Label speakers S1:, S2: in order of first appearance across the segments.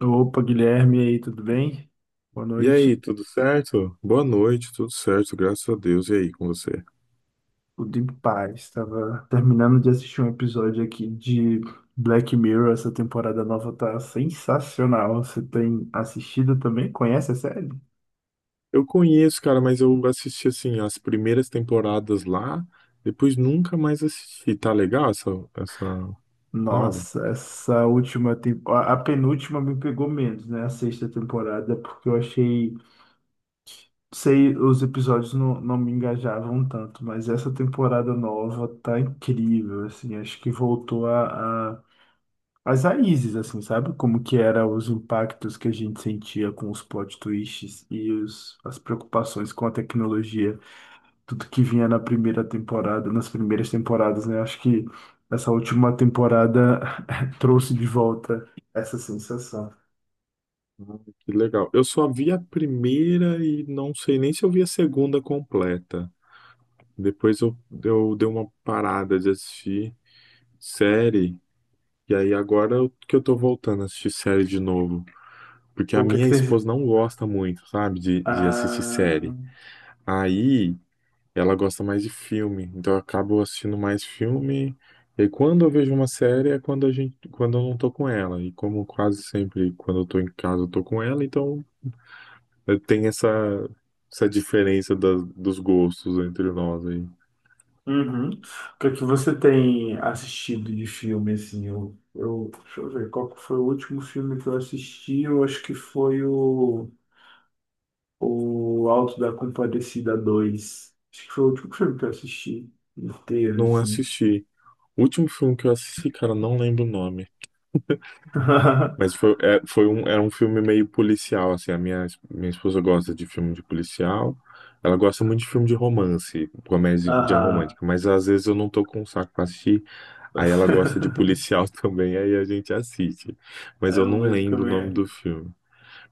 S1: Opa, Guilherme, e aí, tudo bem? Boa
S2: E
S1: noite.
S2: aí, tudo certo? Boa noite, tudo certo, graças a Deus. E aí, com você?
S1: Tudo em paz. Estava terminando de assistir um episódio aqui de Black Mirror. Essa temporada nova tá sensacional. Você tem assistido também? Conhece a série?
S2: Eu conheço, cara, mas eu assisti assim as primeiras temporadas lá, depois nunca mais assisti. Tá legal essa nova?
S1: Nossa, essa última temporada, a penúltima me pegou menos, né? A sexta temporada, porque eu achei, sei, os episódios não me engajavam tanto, mas essa temporada nova tá incrível, assim, acho que voltou a as raízes, assim, sabe? Como que era os impactos que a gente sentia com os plot twists e os, as preocupações com a tecnologia, tudo que vinha na primeira temporada, nas primeiras temporadas, né? Acho que essa última temporada trouxe de volta essa sensação.
S2: Ah, que legal. Eu só vi a primeira e não sei nem se eu vi a segunda completa. Depois eu dei uma parada de assistir série, e aí agora que eu tô voltando a assistir série de novo. Porque a
S1: O que é que
S2: minha esposa
S1: tem...
S2: não gosta muito, sabe, de assistir série.
S1: Ah,
S2: Aí ela gosta mais de filme, então eu acabo assistindo mais filme. E aí, quando eu vejo uma série é quando a gente, quando eu não tô com ela. E como quase sempre quando eu tô em casa eu tô com ela, então tem essa diferença dos gostos entre nós aí.
S1: uhum. O que é que você tem assistido de filme, assim? Deixa eu ver, qual que foi o último filme que eu assisti? Eu acho que foi o... O Alto da Compadecida dois. Acho que foi o último filme que eu assisti inteiro,
S2: Não
S1: assim.
S2: assisti. O último filme que eu assisti, cara, não lembro o nome. Mas foi, é, foi um, era um filme meio policial, assim. A minha esposa gosta de filme de policial. Ela gosta muito de filme de romance, comédia
S1: Ah,
S2: romântica. Mas às vezes eu não tô com o saco pra assistir. Aí ela gosta de policial também, aí a gente assiste. Mas
S1: é
S2: eu
S1: o
S2: não
S1: medo que eu
S2: lembro o nome
S1: me...
S2: do filme.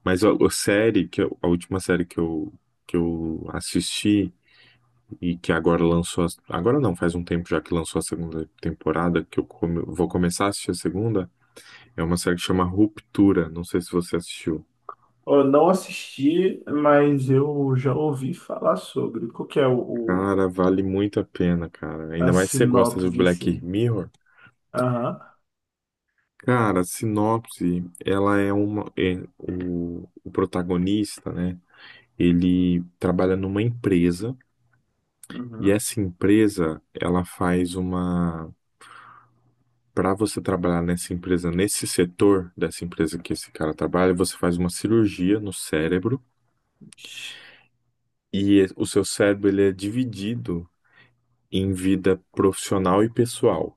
S2: Mas a série, a última série que eu assisti e que agora lançou. Agora não, faz um tempo já que lançou a segunda temporada, que eu vou começar a assistir a segunda. É uma série que chama Ruptura. Não sei se você assistiu.
S1: Eu não assisti, mas eu já ouvi falar sobre. Qual que é
S2: Cara, vale muito a pena, cara.
S1: a
S2: Ainda mais se você gosta de
S1: sinopse,
S2: Black
S1: assim?
S2: Mirror.
S1: Aham.
S2: Cara, a sinopse, ela é uma. O protagonista, né? Ele trabalha numa empresa e
S1: Uhum.
S2: essa empresa, ela faz uma. Para você trabalhar nessa empresa, nesse setor dessa empresa que esse cara trabalha, você faz uma cirurgia no cérebro e o seu cérebro ele é dividido em vida profissional e pessoal.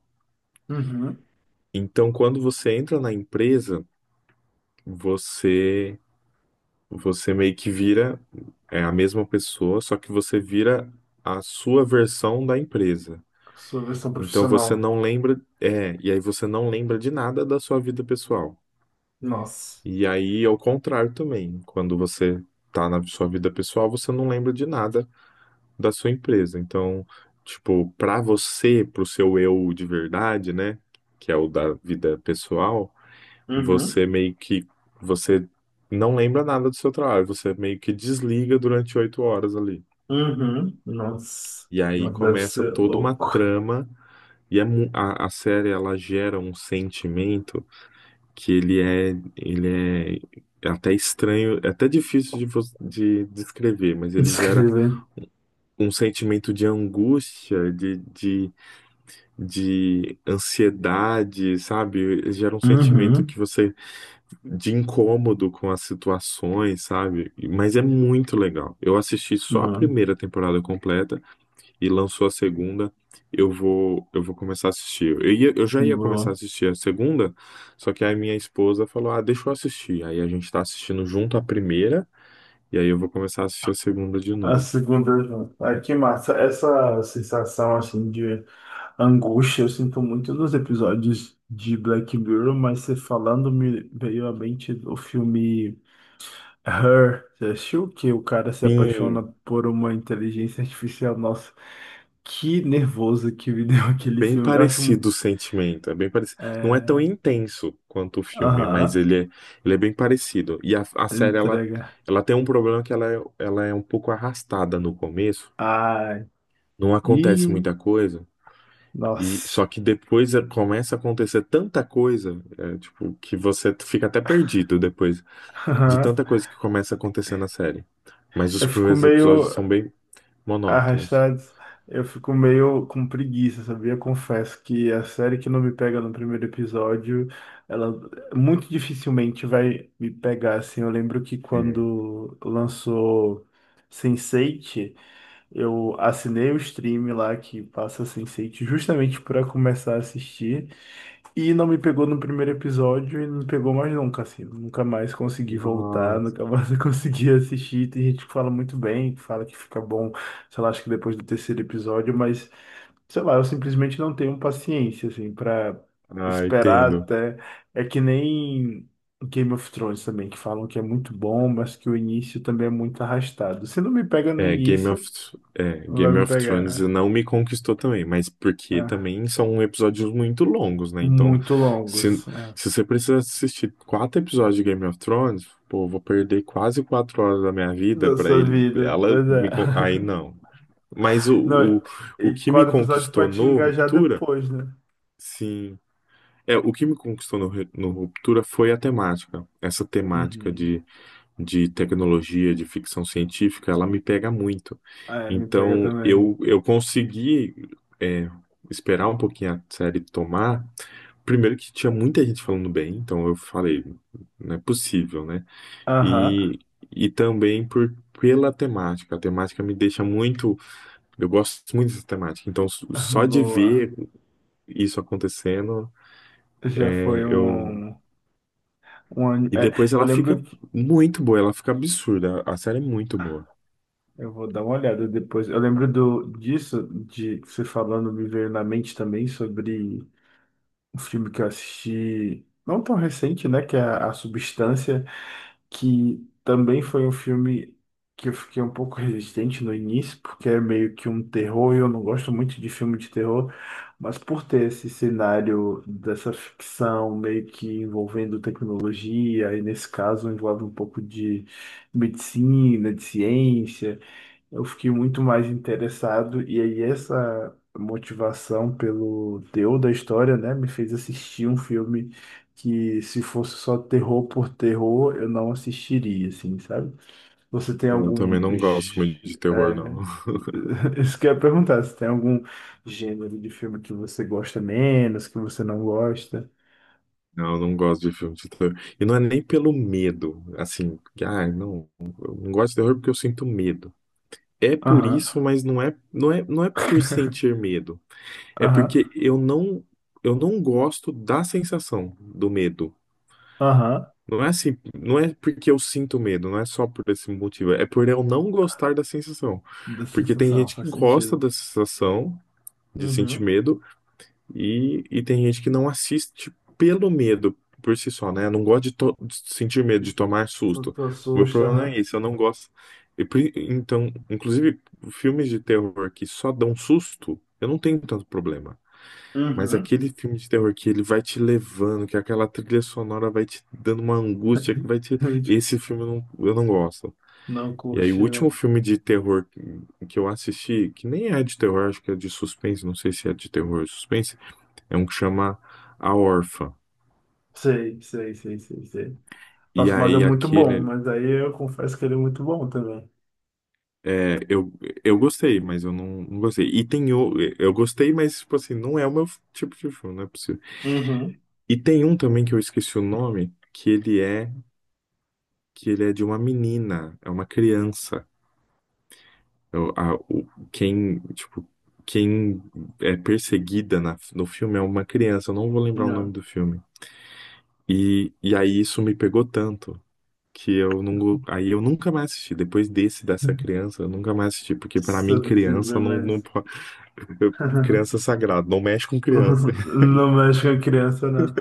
S1: Uhum.
S2: Então, quando você entra na empresa, você você meio que vira é a mesma pessoa, só que você vira a sua versão da empresa.
S1: Sua versão
S2: Então você
S1: profissional.
S2: não lembra, e aí você não lembra de nada da sua vida pessoal.
S1: Nossa.
S2: E aí ao contrário também, quando você tá na sua vida pessoal, você não lembra de nada da sua empresa. Então, tipo, para você, pro seu eu de verdade, né, que é o da vida pessoal, Você
S1: Uhum.
S2: meio que você não lembra nada do seu trabalho, você meio que desliga durante 8 horas ali.
S1: Uhum. Nossa.
S2: E aí
S1: Nossa, deve
S2: começa
S1: ser
S2: toda uma
S1: louco.
S2: trama e a série ela gera um sentimento que ele é até estranho, é até difícil de descrever, mas ele gera
S1: Descrever.
S2: um sentimento de angústia, de ansiedade, sabe? Gera um sentimento
S1: Uhum.
S2: que você de incômodo com as situações, sabe? Mas é muito legal. Eu assisti só a primeira temporada completa e lançou a segunda. Eu vou começar a assistir. Eu já ia começar a
S1: Boa.
S2: assistir a segunda, só que aí minha esposa falou: Ah, deixa eu assistir. Aí a gente tá assistindo junto a primeira, e aí eu vou começar a assistir a segunda de
S1: A
S2: novo.
S1: segunda junto. Que massa. Essa sensação, assim, de angústia eu sinto muito nos episódios de Black Mirror, mas você falando me veio à mente o filme Her. Você assistiu que o cara se apaixona
S2: Sim,
S1: por uma inteligência artificial? Nossa, que nervoso que me deu aquele
S2: bem
S1: filme. Eu acho... um-
S2: parecido o sentimento, é bem parecido. Não é tão
S1: É...
S2: intenso quanto o filme, mas
S1: Aham.
S2: ele é bem parecido. E a série, ela,
S1: Entrega.
S2: ela tem um problema que ela é um pouco arrastada no começo,
S1: Ai.
S2: não acontece
S1: Ih,
S2: muita coisa, e
S1: nossa.
S2: só que depois começa a acontecer tanta coisa, tipo, que você fica até perdido depois de tanta coisa que começa a acontecer na série. Mas os
S1: Eu fico
S2: primeiros episódios
S1: meio.
S2: são bem monótonos.
S1: Arrastados, eu fico meio com preguiça, sabia? Confesso que a série que não me pega no primeiro episódio, ela muito dificilmente vai me pegar, assim. Eu lembro que
S2: É.
S1: quando lançou Sense8, eu assinei o stream lá que passa Sense8 justamente para começar a assistir. E não me pegou no primeiro episódio e não pegou mais nunca, assim. Nunca mais consegui voltar,
S2: Nossa,
S1: nunca mais consegui assistir. Tem gente que fala muito bem, que fala que fica bom, sei lá, acho que depois do terceiro episódio, mas, sei lá, eu simplesmente não tenho paciência, assim, pra
S2: ah,
S1: esperar
S2: entendo.
S1: até. É que nem Game of Thrones também, que falam que é muito bom, mas que o início também é muito arrastado. Se não me pega no
S2: É, Game of,
S1: início,
S2: é,
S1: vai
S2: Game
S1: me
S2: of Thrones
S1: pegar,
S2: não me conquistou também, mas porque
S1: ah,
S2: também são episódios muito longos, né? Então,
S1: muito
S2: se,
S1: longos, ah,
S2: se você precisa assistir quatro episódios de Game of Thrones, pô, eu vou perder quase 4 horas da minha vida
S1: da
S2: pra
S1: sua
S2: ele.
S1: vida.
S2: Ela
S1: Pois é.
S2: me, aí não. Mas
S1: Não,
S2: o, o
S1: e
S2: que me
S1: quadro episódio pra
S2: conquistou
S1: te
S2: no
S1: engajar
S2: Ruptura,
S1: depois, né?
S2: sim. É, o que me conquistou no Ruptura foi a temática. Essa temática
S1: Uhum.
S2: de tecnologia, de ficção científica, ela me pega muito.
S1: Ah, é, me pega
S2: Então,
S1: também.
S2: eu consegui é, esperar um pouquinho a série tomar. Primeiro que tinha muita gente falando bem, então eu falei, não é possível, né?
S1: Aham,
S2: E, e também pela temática. A temática me deixa muito. Eu gosto muito dessa temática. Então, só de
S1: boa.
S2: ver isso acontecendo,
S1: Já
S2: é,
S1: foi
S2: eu.
S1: um, um an-
S2: E
S1: é,
S2: depois
S1: eu
S2: ela
S1: lembro,
S2: fica
S1: que-
S2: muito boa, ela fica absurda. A série é muito boa.
S1: eu vou dar uma olhada depois. Eu lembro do, disso, de você falando, me veio na mente também sobre um filme que eu assisti, não tão recente, né? Que é A Substância. Que também foi um filme que eu fiquei um pouco resistente no início, porque é meio que um terror, e eu não gosto muito de filme de terror, mas por ter esse cenário dessa ficção meio que envolvendo tecnologia, e nesse caso envolve um pouco de medicina, de ciência, eu fiquei muito mais interessado, e aí essa motivação pelo teor da história, né, me fez assistir um filme que, se fosse só terror por terror, eu não assistiria, assim, sabe? Você tem
S2: É, eu
S1: algum.
S2: também não gosto muito
S1: Gê-
S2: de terror, não.
S1: É... Isso que eu ia perguntar, se tem algum gênero de filme que você gosta menos, que você não gosta?
S2: Não, eu não gosto de filme de terror. E não é nem pelo medo, assim, que, ah, não, eu não gosto de terror porque eu sinto medo. É por
S1: Aham,
S2: isso, mas não é por sentir medo. É
S1: aham,
S2: porque eu não gosto da sensação do medo.
S1: aham,
S2: Não é assim, não é porque eu sinto medo, não é só por esse motivo, é por eu não gostar da sensação.
S1: da
S2: Porque tem
S1: sensação,
S2: gente que
S1: faz
S2: gosta
S1: sentido.
S2: da sensação de sentir
S1: Uhum,
S2: medo, e tem gente que não assiste pelo medo por si só, né? Eu não gosto de sentir medo, de tomar
S1: tu
S2: susto.
S1: tu
S2: O meu
S1: assusta,
S2: problema é
S1: aham.
S2: isso, eu não gosto. E então, inclusive, filmes de terror que só dão susto, eu não tenho tanto problema. Mas
S1: Uhum.
S2: aquele filme de terror que ele vai te levando, que aquela trilha sonora vai te dando uma angústia, que vai te. Esse filme eu não gosto.
S1: Não
S2: E aí, o
S1: curte, né?
S2: último filme de terror que eu assisti, que nem é de terror, acho que é de suspense, não sei se é de terror ou suspense. É um que chama A Órfã.
S1: Sei, sei, sei, sei, sei.
S2: E
S1: Nossa, mas é
S2: aí
S1: muito bom,
S2: aquele.
S1: mas aí eu confesso que ele é muito bom também.
S2: é, eu, eu gostei, mas eu não gostei. E tem o, eu gostei, mas tipo assim, não é o meu tipo de filme, não é possível.
S1: Uhum.
S2: E tem um também que eu esqueci o nome, que ele é de uma menina, é uma criança. Eu- a- o, quem, tipo, quem é perseguida no filme é uma criança, eu não vou lembrar o nome
S1: Não.
S2: do filme. E aí isso me pegou tanto, que eu não, aí eu nunca mais assisti. Depois desse dessa criança, eu nunca mais assisti, porque pra
S1: Se
S2: mim
S1: eu não
S2: criança
S1: quiser
S2: não
S1: mais.
S2: pode, eu- criança é sagrado, não mexe com criança.
S1: Não mexe com a criança, não.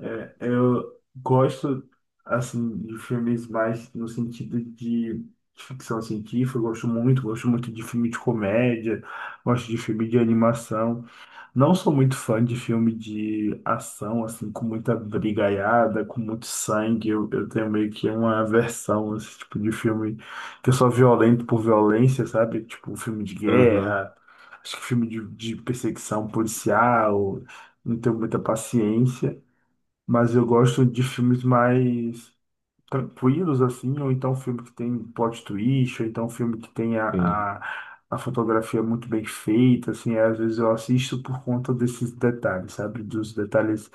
S1: É, eu gosto, assim, de filmes mais no sentido de ficção científica. Eu gosto muito de filme de comédia, gosto de filme de animação. Não sou muito fã de filme de ação, assim, com muita brigaiada, com muito sangue. Eu tenho meio que uma aversão a esse tipo de filme que é só violento por violência, sabe? Tipo, filme de
S2: Aham,
S1: guerra, acho que filme de perseguição policial. Não tenho muita paciência, mas eu gosto de filmes mais tranquilos, assim, ou então um filme que tem plot twist, ou então um filme que tem
S2: sim.
S1: a, a fotografia muito bem feita, assim, é, às vezes eu assisto por conta desses detalhes, sabe? Dos detalhes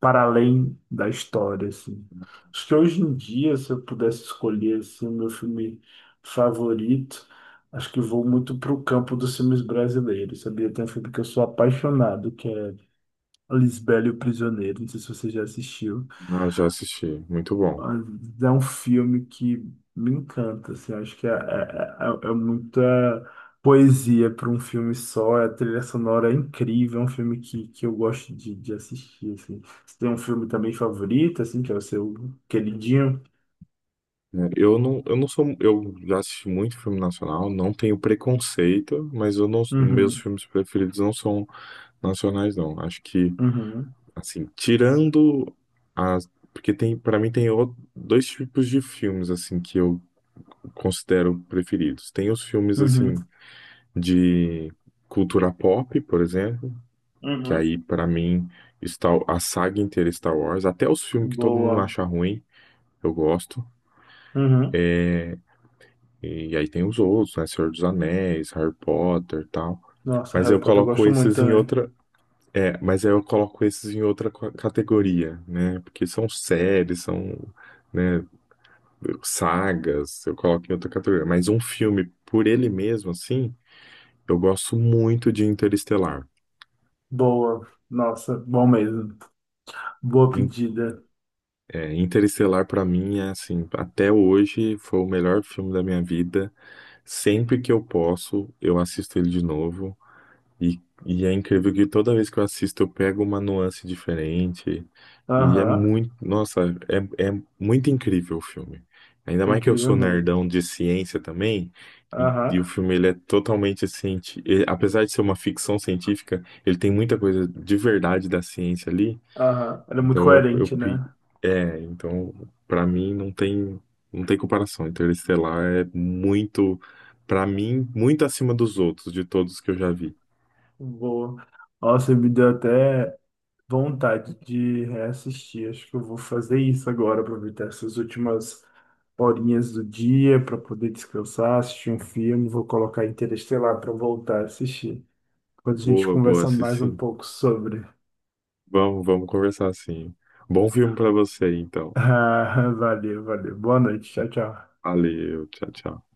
S1: para além da história, assim. Acho que hoje em dia, se eu pudesse escolher, assim, o meu filme favorito, acho que vou muito para o campo dos filmes brasileiros, sabia? Tem um filme que eu sou apaixonado, que é Lisbela e o Prisioneiro, não sei se você já assistiu.
S2: Ah, já assisti, muito bom.
S1: Mas é um filme que me encanta, assim, acho que é muita poesia para um filme só, a trilha sonora é incrível, é um filme que eu gosto de assistir, assim. Você tem um filme também favorito, assim, que é o seu queridinho?
S2: É, eu não, eu não sou, eu já assisti muito filme nacional, não tenho preconceito, mas eu não, meus
S1: Uhum,
S2: filmes preferidos não são nacionais, não. Acho que,
S1: uhum,
S2: assim, tirando as, porque tem, para mim tem dois tipos de filmes assim que eu considero preferidos. Tem os filmes assim
S1: uhum,
S2: de cultura pop, por exemplo, que
S1: uhum.
S2: aí pra mim está a saga inteira é Star Wars, até os filmes que todo mundo
S1: Boa.
S2: acha ruim, eu gosto.
S1: Uhum.
S2: E aí tem os outros, né, Senhor dos Anéis, Harry Potter, tal.
S1: Nossa,
S2: Mas
S1: Harry
S2: eu
S1: Potter eu
S2: coloco
S1: gosto muito
S2: esses em
S1: também.
S2: outra, mas aí eu coloco esses em outra categoria, né? Porque são séries, são, né, sagas, eu coloco em outra categoria. Mas um filme por ele mesmo, assim, eu gosto muito de Interestelar.
S1: Boa. Nossa, bom mesmo. Boa
S2: In-
S1: pedida.
S2: Interestelar, pra mim, é assim, até hoje foi o melhor filme da minha vida. Sempre que eu posso, eu assisto ele de novo. E, e é incrível que toda vez que eu assisto, eu pego uma nuance diferente. E é
S1: Aham,
S2: muito, nossa, é muito incrível o filme. Ainda
S1: é
S2: mais que eu
S1: incrível
S2: sou
S1: mesmo.
S2: nerdão de ciência também. E,
S1: Aham.
S2: e o filme ele é totalmente científico. Apesar de ser uma ficção científica, ele tem muita coisa de verdade da ciência ali.
S1: Aham, era muito
S2: Então eu, eu
S1: coerente,
S2: pi-
S1: né?
S2: então para mim não tem comparação. Então, Interestelar é muito para mim muito acima dos outros, de todos que eu já vi.
S1: Boa. Nossa, me deu até vontade de reassistir. Acho que eu vou fazer isso agora, aproveitar essas últimas horinhas do dia para poder descansar, assistir um filme. Vou colocar Interestelar para voltar a assistir. Depois a gente
S2: Boa, boa,
S1: conversa
S2: sim,
S1: mais um
S2: sim.
S1: pouco sobre.
S2: Vamos conversar assim. Bom filme para você então.
S1: Ah, valeu, valeu. Boa noite. Tchau, tchau.
S2: Valeu, tchau, tchau.